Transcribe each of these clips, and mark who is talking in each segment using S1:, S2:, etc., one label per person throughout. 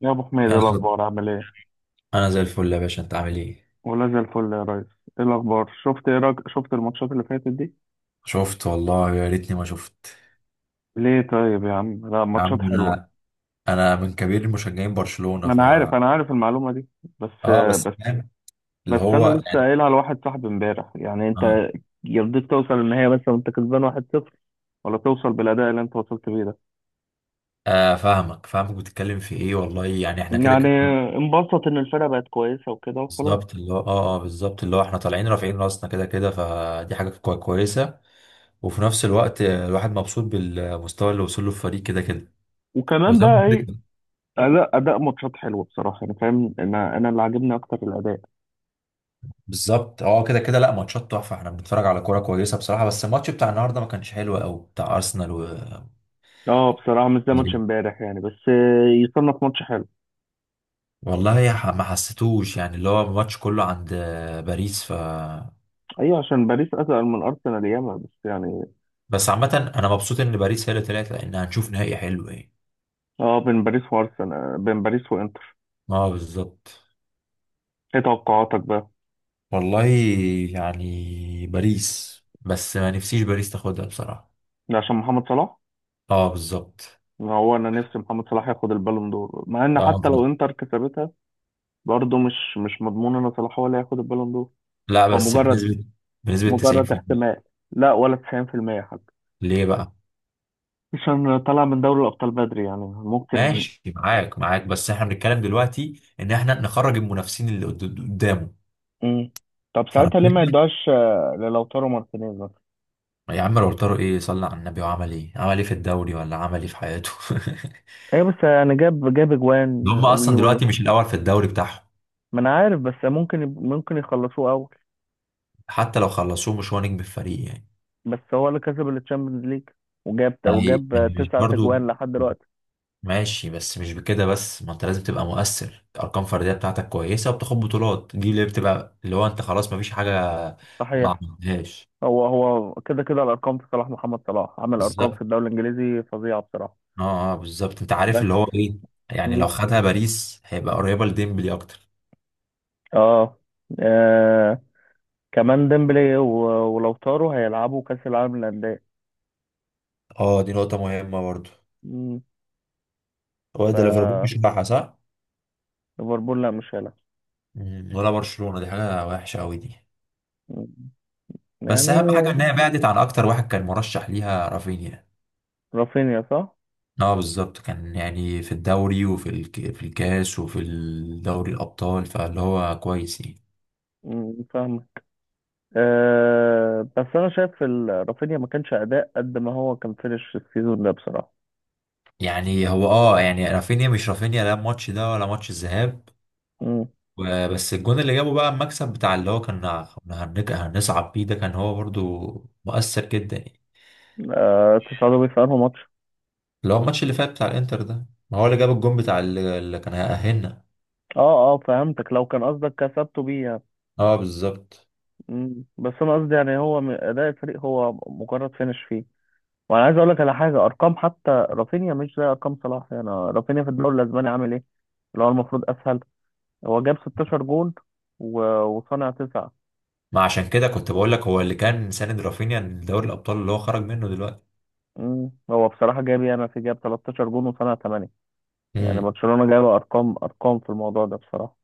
S1: يا ابو حميد، إيه
S2: انا صد-
S1: الاخبار؟ عامل ايه؟
S2: أنا زي الفل يا باشا، انت عامل ايه؟
S1: ولا زي الفل يا ريس. ايه الاخبار؟ شفت، ايه رأيك؟ شفت الماتشات اللي فاتت دي؟
S2: شفت والله، يا ريتني ما شفت.
S1: ليه طيب يا عم؟ لا،
S2: يا
S1: ماتشات
S2: عم
S1: حلوه.
S2: انا من كبير مشجعين برشلونة ف
S1: انا عارف المعلومه دي. بس
S2: اه بس
S1: بس
S2: فاهم. اللي
S1: بس. انا
S2: هو
S1: لسه
S2: يعني
S1: قايلها لواحد صاحبي امبارح، يعني
S2: اه
S1: انت يرضيك توصل النهائي بس وانت كسبان 1-0 ولا توصل بالاداء اللي انت وصلت بيه ده؟
S2: فاهمك، بتتكلم في ايه؟ والله يعني احنا كده
S1: يعني
S2: كده
S1: انبسط ان الفرقه بقت كويسه وكده وخلاص؟
S2: بالظبط. اللي هو بالظبط، اللي هو احنا طالعين رافعين راسنا كده كده، فدي حاجة كويسة. وفي نفس الوقت الواحد مبسوط بالمستوى اللي وصل له الفريق كده كده.
S1: وكمان
S2: وزي ما
S1: بقى
S2: قلت
S1: ايه؟
S2: لك
S1: اداء ماتشات حلوه بصراحه. انا فاهم، انا اللي عاجبني اكتر الاداء.
S2: بالظبط، كده كده. لا، ماتشات تحفه، احنا بنتفرج على كوره كويسه بصراحه، بس الماتش بتاع النهارده ما كانش حلو قوي، بتاع ارسنال و
S1: اه، بصراحة مش زي ماتش
S2: غريب.
S1: امبارح يعني، بس يصنف ماتش حلو.
S2: والله ما حسيتوش، يعني اللي هو الماتش كله عند باريس ف
S1: ايوه، عشان باريس اتقل من ارسنال ياما، بس يعني.
S2: بس عامه انا مبسوط ان باريس هي اللي طلعت، لان هنشوف نهائي حلو. ايه،
S1: اه، بين باريس وارسنال، بين باريس وانتر.
S2: اه بالظبط.
S1: ايه توقعاتك بقى؟
S2: والله يعني باريس، بس ما نفسيش باريس تاخدها بصراحه.
S1: عشان محمد صلاح.
S2: اه بالظبط.
S1: ما هو انا نفسي محمد صلاح ياخد البالون دور، مع ان
S2: اه
S1: حتى لو
S2: بالظبط.
S1: انتر كسبتها برضه مش مضمون ان صلاح هو اللي هياخد البالون دور.
S2: لا
S1: هو
S2: بس
S1: مجرد
S2: بنسبه، بنسبه
S1: مجرد
S2: 90%.
S1: احتمال. لا، ولا 90% حتى،
S2: ليه بقى؟
S1: عشان طلع من دوري الابطال بدري، يعني ممكن.
S2: ماشي، معاك معاك، بس احنا بنتكلم دلوقتي ان احنا نخرج المنافسين اللي قدامه،
S1: مم. طب ساعتها ليه ما
S2: فربنا.
S1: يدوهاش للوتارو مارتينيز؟
S2: يا عم لو طاروا، ايه صلى على النبي وعمل ايه؟ عمل ايه في الدوري ولا عمل ايه في حياته؟
S1: ايه؟ بس يعني جاب اجوان
S2: ده هم
S1: وي
S2: اصلا
S1: وي.
S2: دلوقتي مش الاول في الدوري بتاعهم.
S1: ما انا عارف، بس ممكن ممكن يخلصوه اول.
S2: حتى لو خلصوه مش هو نجم الفريق يعني.
S1: بس هو اللي كسب التشامبيونز ليج، وجاب
S2: يعني
S1: وجاب
S2: مش
S1: 9
S2: برضو،
S1: اجوان لحد دلوقتي.
S2: ماشي بس مش بكده. بس ما انت لازم تبقى مؤثر، ارقام فرديه بتاعتك كويسه وبتاخد بطولات، دي اللي بتبقى اللي هو انت خلاص، ما فيش حاجه ما
S1: صحيح.
S2: عملتهاش.
S1: هو كده كده الارقام في صلاح. محمد صلاح عمل ارقام
S2: بالظبط.
S1: في الدوري الانجليزي فظيعة بصراحة.
S2: اه اه، بالظبط، انت عارف
S1: بس.
S2: اللي هو ايه، يعني
S1: مم.
S2: لو خدها باريس هيبقى قريبة لديمبلي اكتر.
S1: اه. آه. كمان ديمبلي ولوتارو هيلعبوا كاس العالم للانديه.
S2: اه، دي نقطة مهمة برضه.
S1: مم.
S2: هو
S1: ف
S2: ده ليفربول مش بتاعها، صح؟
S1: ليفربول لا، مش هيلعب.
S2: مم، ولا برشلونة، دي حاجة وحشة قوي دي.
S1: مم.
S2: بس اهم حاجة
S1: يعني.
S2: ان هي بعدت عن اكتر واحد كان مرشح ليها، رافينيا.
S1: رافينيا، صح.
S2: اه بالظبط، كان يعني في الدوري وفي في الكاس وفي الدوري الابطال، فاللي هو كويس يعني.
S1: مم. فاهم. أه، بس انا شايف رافينيا ما كانش اداء قد ما هو كان فينش السيزون ده بصراحه.
S2: يعني هو اه، يعني رافينيا مش رافينيا، لا الماتش ده ولا ماتش الذهاب.
S1: امم.
S2: بس الجون اللي جابه بقى، المكسب بتاع اللي هو كان، كنا هنصعد بيه، ده كان هو برضو مؤثر جدا يعني.
S1: أه، تصعدوا بيه في انه ماتش؟
S2: اللي هو الماتش اللي فات بتاع الانتر ده، ما هو اللي جاب الجون بتاع اللي كان هيأهلنا.
S1: اه اه، فهمتك، لو كان قصدك كسبته بيه يعني.
S2: اه بالظبط.
S1: مم. بس انا قصدي يعني هو، اداء الفريق هو مجرد فينش فيه. وانا عايز اقول لك على حاجه. ارقام حتى رافينيا مش زي ارقام صلاح، يعني رافينيا في الدوري الاسباني عامل ايه؟ اللي هو المفروض اسهل. هو جاب 16 جون وصنع 9.
S2: ما عشان كده كنت بقول لك، هو اللي كان ساند رافينيا لدوري الابطال اللي هو خرج منه دلوقتي.
S1: مم. هو بصراحه جاب، يعني، في جاب 13 جون وصنع 8. يعني
S2: امم.
S1: برشلونة جايبة أرقام أرقام في الموضوع ده بصراحة.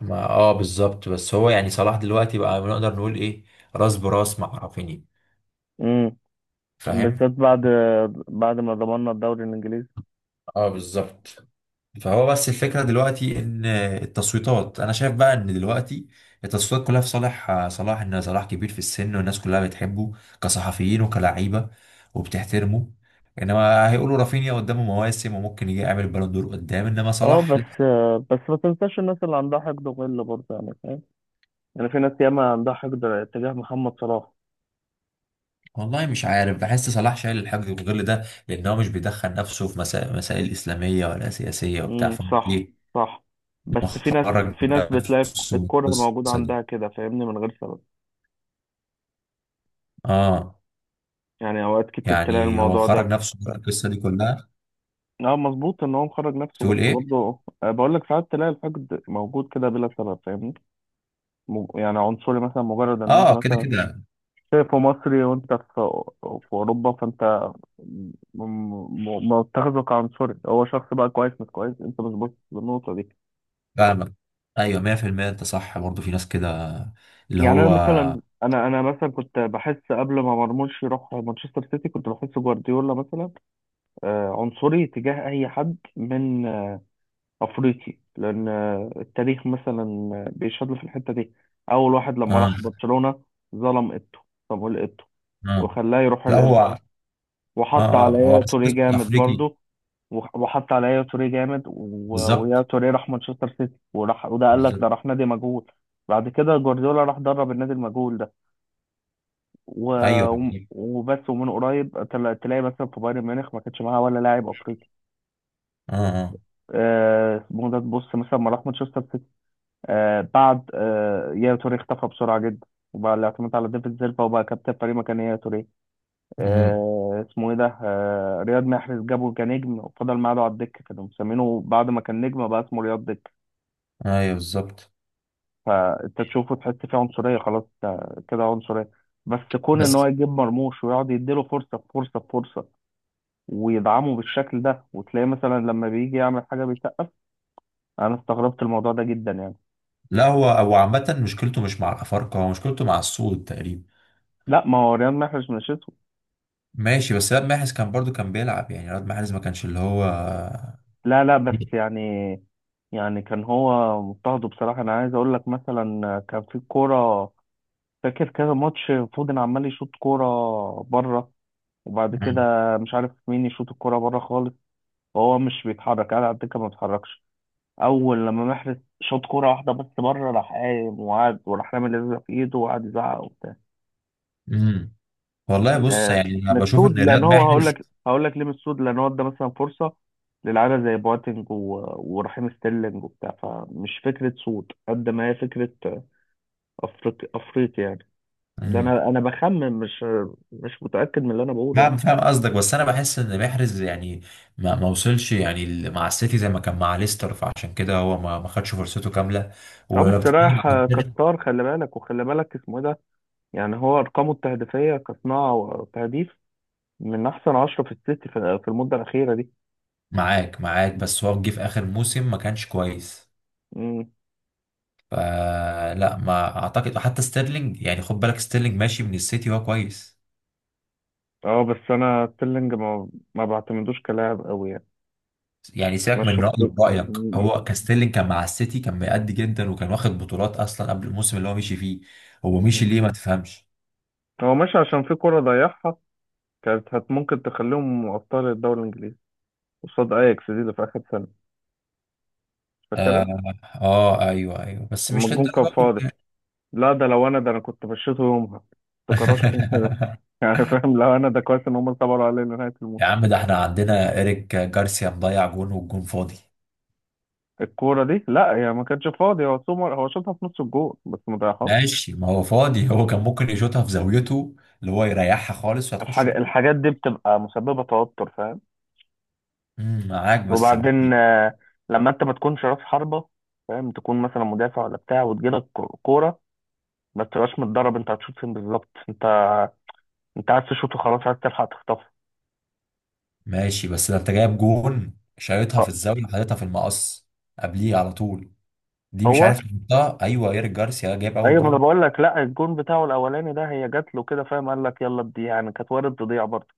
S2: ما اه بالظبط، بس هو يعني صلاح دلوقتي بقى نقدر نقول ايه، راس براس مع رافينيا،
S1: امم. بالذات
S2: فاهم.
S1: بعد ما ضمننا الدوري الإنجليزي.
S2: اه بالظبط. فهو بس الفكرة دلوقتي ان التصويتات، انا شايف بقى ان دلوقتي التصويتات كلها في صالح صلاح، ان صلاح كبير في السن والناس كلها بتحبه كصحفيين وكلعيبة وبتحترمه، انما هيقولوا رافينيا قدامه مواسم وممكن يجي يعمل بالون دور قدام، انما
S1: اه،
S2: صلاح لأ.
S1: بس ما تنساش الناس اللي عندها حقد وغل برضه، يعني فاهم، يعني في ناس ياما عندها حقد تجاه محمد صلاح.
S2: والله مش عارف، بحس صلاح شايل الحاجة غير ده، لان هو مش بيدخل نفسه في مسائل اسلامية ولا سياسية وبتاع،
S1: امم، صح.
S2: فايه
S1: صح. بس في ناس
S2: مخرج
S1: في ناس بتلاقي
S2: نفسه من
S1: الكره موجودة
S2: القصة دي.
S1: عندها كده، فاهمني، من غير سبب.
S2: اه،
S1: يعني أوقات كتير تلاقي
S2: يعني هو
S1: الموضوع
S2: خرج
S1: ده.
S2: نفسه من القصة دي كلها.
S1: اه، مظبوط ان هو مخرج نفسه، بس
S2: تقول ايه؟
S1: برضه بقول لك ساعات تلاقي الحقد موجود كده بلا سبب، فاهمني. يعني عنصري مثلا، مجرد ان انت
S2: اه، كده
S1: مثلا
S2: كده
S1: شايفه مصري وانت في اوروبا، فانت م- متخذه كعنصري. هو شخص بقى كويس مش كويس، انت مش باصص للنقطه دي.
S2: فاهمك. ايوه 100%، انت صح برضه، في ناس كده اللي
S1: يعني انا
S2: هو
S1: مثلا، انا مثلا كنت بحس، قبل ما مرموش يروح مانشستر سيتي، كنت بحس جوارديولا مثلا عنصري تجاه اي حد من افريقي، لان التاريخ مثلا بيشهد له في الحته دي. اول واحد لما
S2: اه.
S1: راح برشلونه ظلم ايتو، صامويل ايتو،
S2: اه
S1: وخلاه يروح
S2: لا هو اه،
S1: الانتر. وحط
S2: هو
S1: على
S2: بس
S1: توري
S2: قسم
S1: جامد
S2: افريقي
S1: برضه، وحط على يا توريه جامد ويا
S2: بالظبط.
S1: توريه راح مانشستر سيتي وراح. وده قال لك ده
S2: بالظبط.
S1: راح نادي مجهول. بعد كده جوارديولا راح درب النادي المجهول ده و...
S2: ايوه.
S1: وبس. ومن قريب تلاقي مثلا في بايرن ميونخ ما كانش معاه ولا لاعب افريقي.
S2: اه اه.
S1: اسمه ده، تبص مثلا، ما راح مانشستر سيتي بعد يا توريه اختفى بسرعه جدا، وبقى الاعتماد على ديفيد سيلفا، وبقى كابتن فريق مكان يا توريه.
S2: مم.
S1: اسمه ايه ده، رياض محرز، جابه كنجم وفضل معاه على الدكه. كانوا مسمينه بعد ما كان نجم بقى اسمه رياض دكه.
S2: ايوه بالظبط
S1: فانت تشوفه تحس فيه عنصريه، خلاص انت كده عنصريه. بس كون ان هو
S2: بس.
S1: يجيب مرموش ويقعد يديله فرصه بفرصه بفرصه، ويدعمه بالشكل ده، وتلاقيه مثلا لما بيجي يعمل حاجه بيسقف، انا استغربت الموضوع ده جدا يعني.
S2: لا هو، هو عامة مشكلته مش مع الأفارقة، هو مشكلته مع السود تقريبا.
S1: لا، ما هو رياض محرز مش اسود.
S2: ماشي، بس رياض محرز كان برضو كان بيلعب، يعني رياض محرز ما كانش اللي هو.
S1: لا لا، بس يعني يعني كان هو مضطهد بصراحه. انا عايز اقول لك، مثلا كان في كوره، فاكر كذا ماتش فودن عمال يشوط كوره بره، وبعد كده
S2: مم.
S1: مش عارف مين يشوط الكوره بره خالص، وهو مش بيتحرك، قاعد على الدكه ما بيتحركش. اول لما محرز شاط كوره واحده بس بره، راح قايم وقعد، وراح رامي الازازه في ايده وقعد يزعق وبتاع.
S2: مم. والله بص،
S1: آه
S2: يعني أنا بشوف
S1: مسعود،
S2: إن رياض
S1: لان هو هقول
S2: محرز.
S1: لك هقول لك ليه مسعود، لان هو ادى مثلا فرصه للعيبه زي بواتنج ورحيم ستيرلينج وبتاع، فمش فكره سود قد ما هي فكره افريقي افريقي يعني. ده
S2: مم.
S1: انا بخمن، مش متاكد من اللي انا بقوله
S2: فاهم
S1: يعني.
S2: فاهم قصدك، بس انا بحس ان محرز يعني ما وصلش، يعني مع السيتي زي ما كان مع ليستر، فعشان كده هو ما خدش فرصته كامله،
S1: اه،
S2: ولو
S1: بس
S2: بتتكلم عن
S1: رايح
S2: المبتدئ.
S1: كستار. خلي بالك وخلي بالك، اسمه ايه ده، يعني هو ارقامه التهديفيه كصناعه وتهديف من احسن 10 في السيتي في المدة الأخيرة دي.
S2: معاك معاك، بس هو جه في اخر موسم ما كانش كويس،
S1: مم.
S2: فلا ما اعتقد حتى ستيرلينج، يعني خد بالك ستيرلينج ماشي من السيتي وهو كويس.
S1: اه، بس انا تيلينج ما بعتمدوش كلاعب قوي يعني.
S2: يعني سيبك
S1: مشوا
S2: من
S1: في
S2: رأيي، رأيك
S1: مم.
S2: هو كان ستيرلينج كان مع السيتي كان مأدي جدا وكان واخد بطولات اصلا قبل الموسم اللي هو مشي فيه. هو مشي
S1: مم.
S2: ليه، ما تفهمش.
S1: هو ماشي عشان في كرة ضيعها، كانت ممكن تخليهم ابطال الدوري الانجليزي قصاد اياكس دي اللي في اخر سنة،
S2: آه،
S1: فاكرها؟
S2: اه ايوه ايوه، بس
S1: لما
S2: مش
S1: الجون كان
S2: للدرجه.
S1: فاضي. لا، ده لو انا، ده انا كنت مشيته يومها، كنت كرشته كده يعني فاهم. لو انا، ده كويس ان هم صبروا عليه لنهاية
S2: يا
S1: الموسم.
S2: عم ده احنا عندنا إيريك جارسيا مضيع جون والجون فاضي.
S1: الكورة دي لا، هي يعني ما كانتش فاضية، هو سومر هو شاطها في نص الجول، بس ما ضيعهاش.
S2: ماشي، ما هو فاضي، هو كان ممكن يشوطها في زاويته اللي هو يريحها خالص وهتخش جون.
S1: الحاجات دي بتبقى مسببة توتر، فاهم.
S2: امم، معاك بس.
S1: وبعدين، لما انت ما تكونش راس حربة، فاهم، تكون مثلا مدافع ولا بتاع، وتجيلك كورة، ما تبقاش متدرب انت هتشوط فين بالظبط. انت انت عايز تشوط وخلاص، عايز تلحق تخطفه.
S2: ماشي بس ده انت جايب جون، شايطها في
S1: أه،
S2: الزاوية وحاططها في المقص، قبليه على طول. دي مش
S1: هو
S2: عارف يحطها، ايوه، إيريك جارسيا جايب اول
S1: ايوه. ما انا
S2: جون.
S1: بقول لك، لا، الجون بتاعه الاولاني ده هي جات له كده، فاهم، قال لك يلا بدي، يعني كانت وارد تضيع برضه،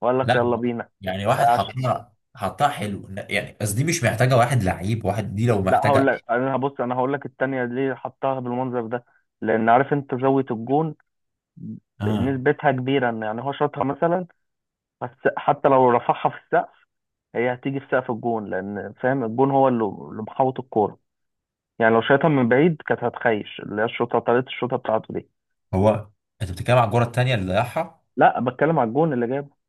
S1: وقال لك
S2: لا،
S1: يلا بينا.
S2: يعني واحد
S1: عش...
S2: حطها، حطها حلو يعني، بس دي مش محتاجة واحد لعيب واحد، دي لو
S1: لا، هقول
S2: محتاجة
S1: لك، انا هبص، انا هقول لك التانية ليه حطها بالمنظر ده، لان عارف انت زاوية الجون
S2: اه.
S1: نسبتها كبيرة، ان يعني هو شاطها مثلا، بس حتى لو رفعها في السقف هي هتيجي في سقف الجون، لان فاهم الجون هو اللي محوط الكورة، يعني لو شايطها من بعيد كانت هتخيش. اللي هي الشوطة، طريقة الشوطة بتاعته دي.
S2: هو انت بتتكلم على الجرة التانية اللي ضيعها.
S1: لا، بتكلم على الجون اللي جابه.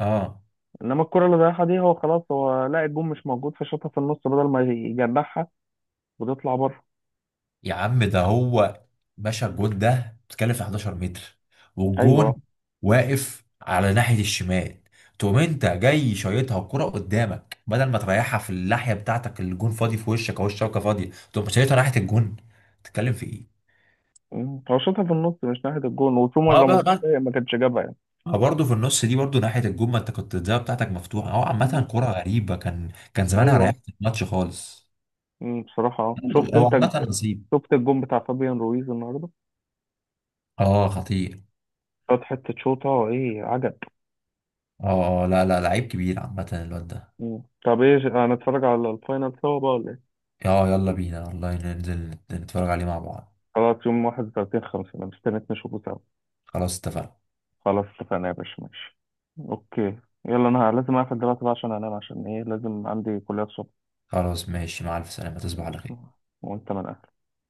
S2: اه،
S1: انما الكرة اللي ضيعها دي هو خلاص، هو لا الجون مش موجود، فشاطها في النص بدل ما يجنحها وتطلع بره.
S2: يا عم ده هو، باشا الجون ده بتتكلم في 11 متر، والجون
S1: ايوه.
S2: واقف على ناحية الشمال، تقوم انت جاي شايطها الكرة قدامك بدل ما تريحها في الناحية بتاعتك الجون فاضي في وشك او الشبكة فاضية، تقوم شايطها ناحية الجون. بتتكلم في ايه؟
S1: مم. هو شاطها في النص، مش ناحية الجون. وفي
S2: اه،
S1: مرة ما
S2: بقى
S1: كانش
S2: بقى
S1: ما كانش جابها يعني.
S2: ما برضه في النص دي برضه ناحية الجون، ما انت كنت الزاوية بتاعتك مفتوحة، هو عامة
S1: مم.
S2: كرة غريبة، كان زمانها
S1: ايوه.
S2: ريحت الماتش خالص.
S1: مم. بصراحة، شفت
S2: هو
S1: انت،
S2: عامة نصيب.
S1: شفت الجون بتاع فابيان رويز النهاردة؟
S2: اه خطير.
S1: خد حتة شوطة ايه عجب.
S2: اه اه، لا لا، لعيب كبير عامة الواد ده.
S1: مم. طب ايه، هنتفرج على الفاينل سوا بقى ولا ايه؟
S2: اه يلا بينا والله، ننزل نتفرج عليه مع بعض.
S1: خلاص يوم 31/5، انا مستنيك نشوفه سوا.
S2: خلاص اتفقنا.
S1: خلاص اتفقنا يا باشا، ماشي. اوكي. يلا، انا لازم اقفل دلوقتي بقى عشان انام، عشان ايه، لازم عندي كلية الصبح.
S2: خلاص، ماشي، مع الف سلامة، تصبح على
S1: ماشي.
S2: خير.
S1: وانت من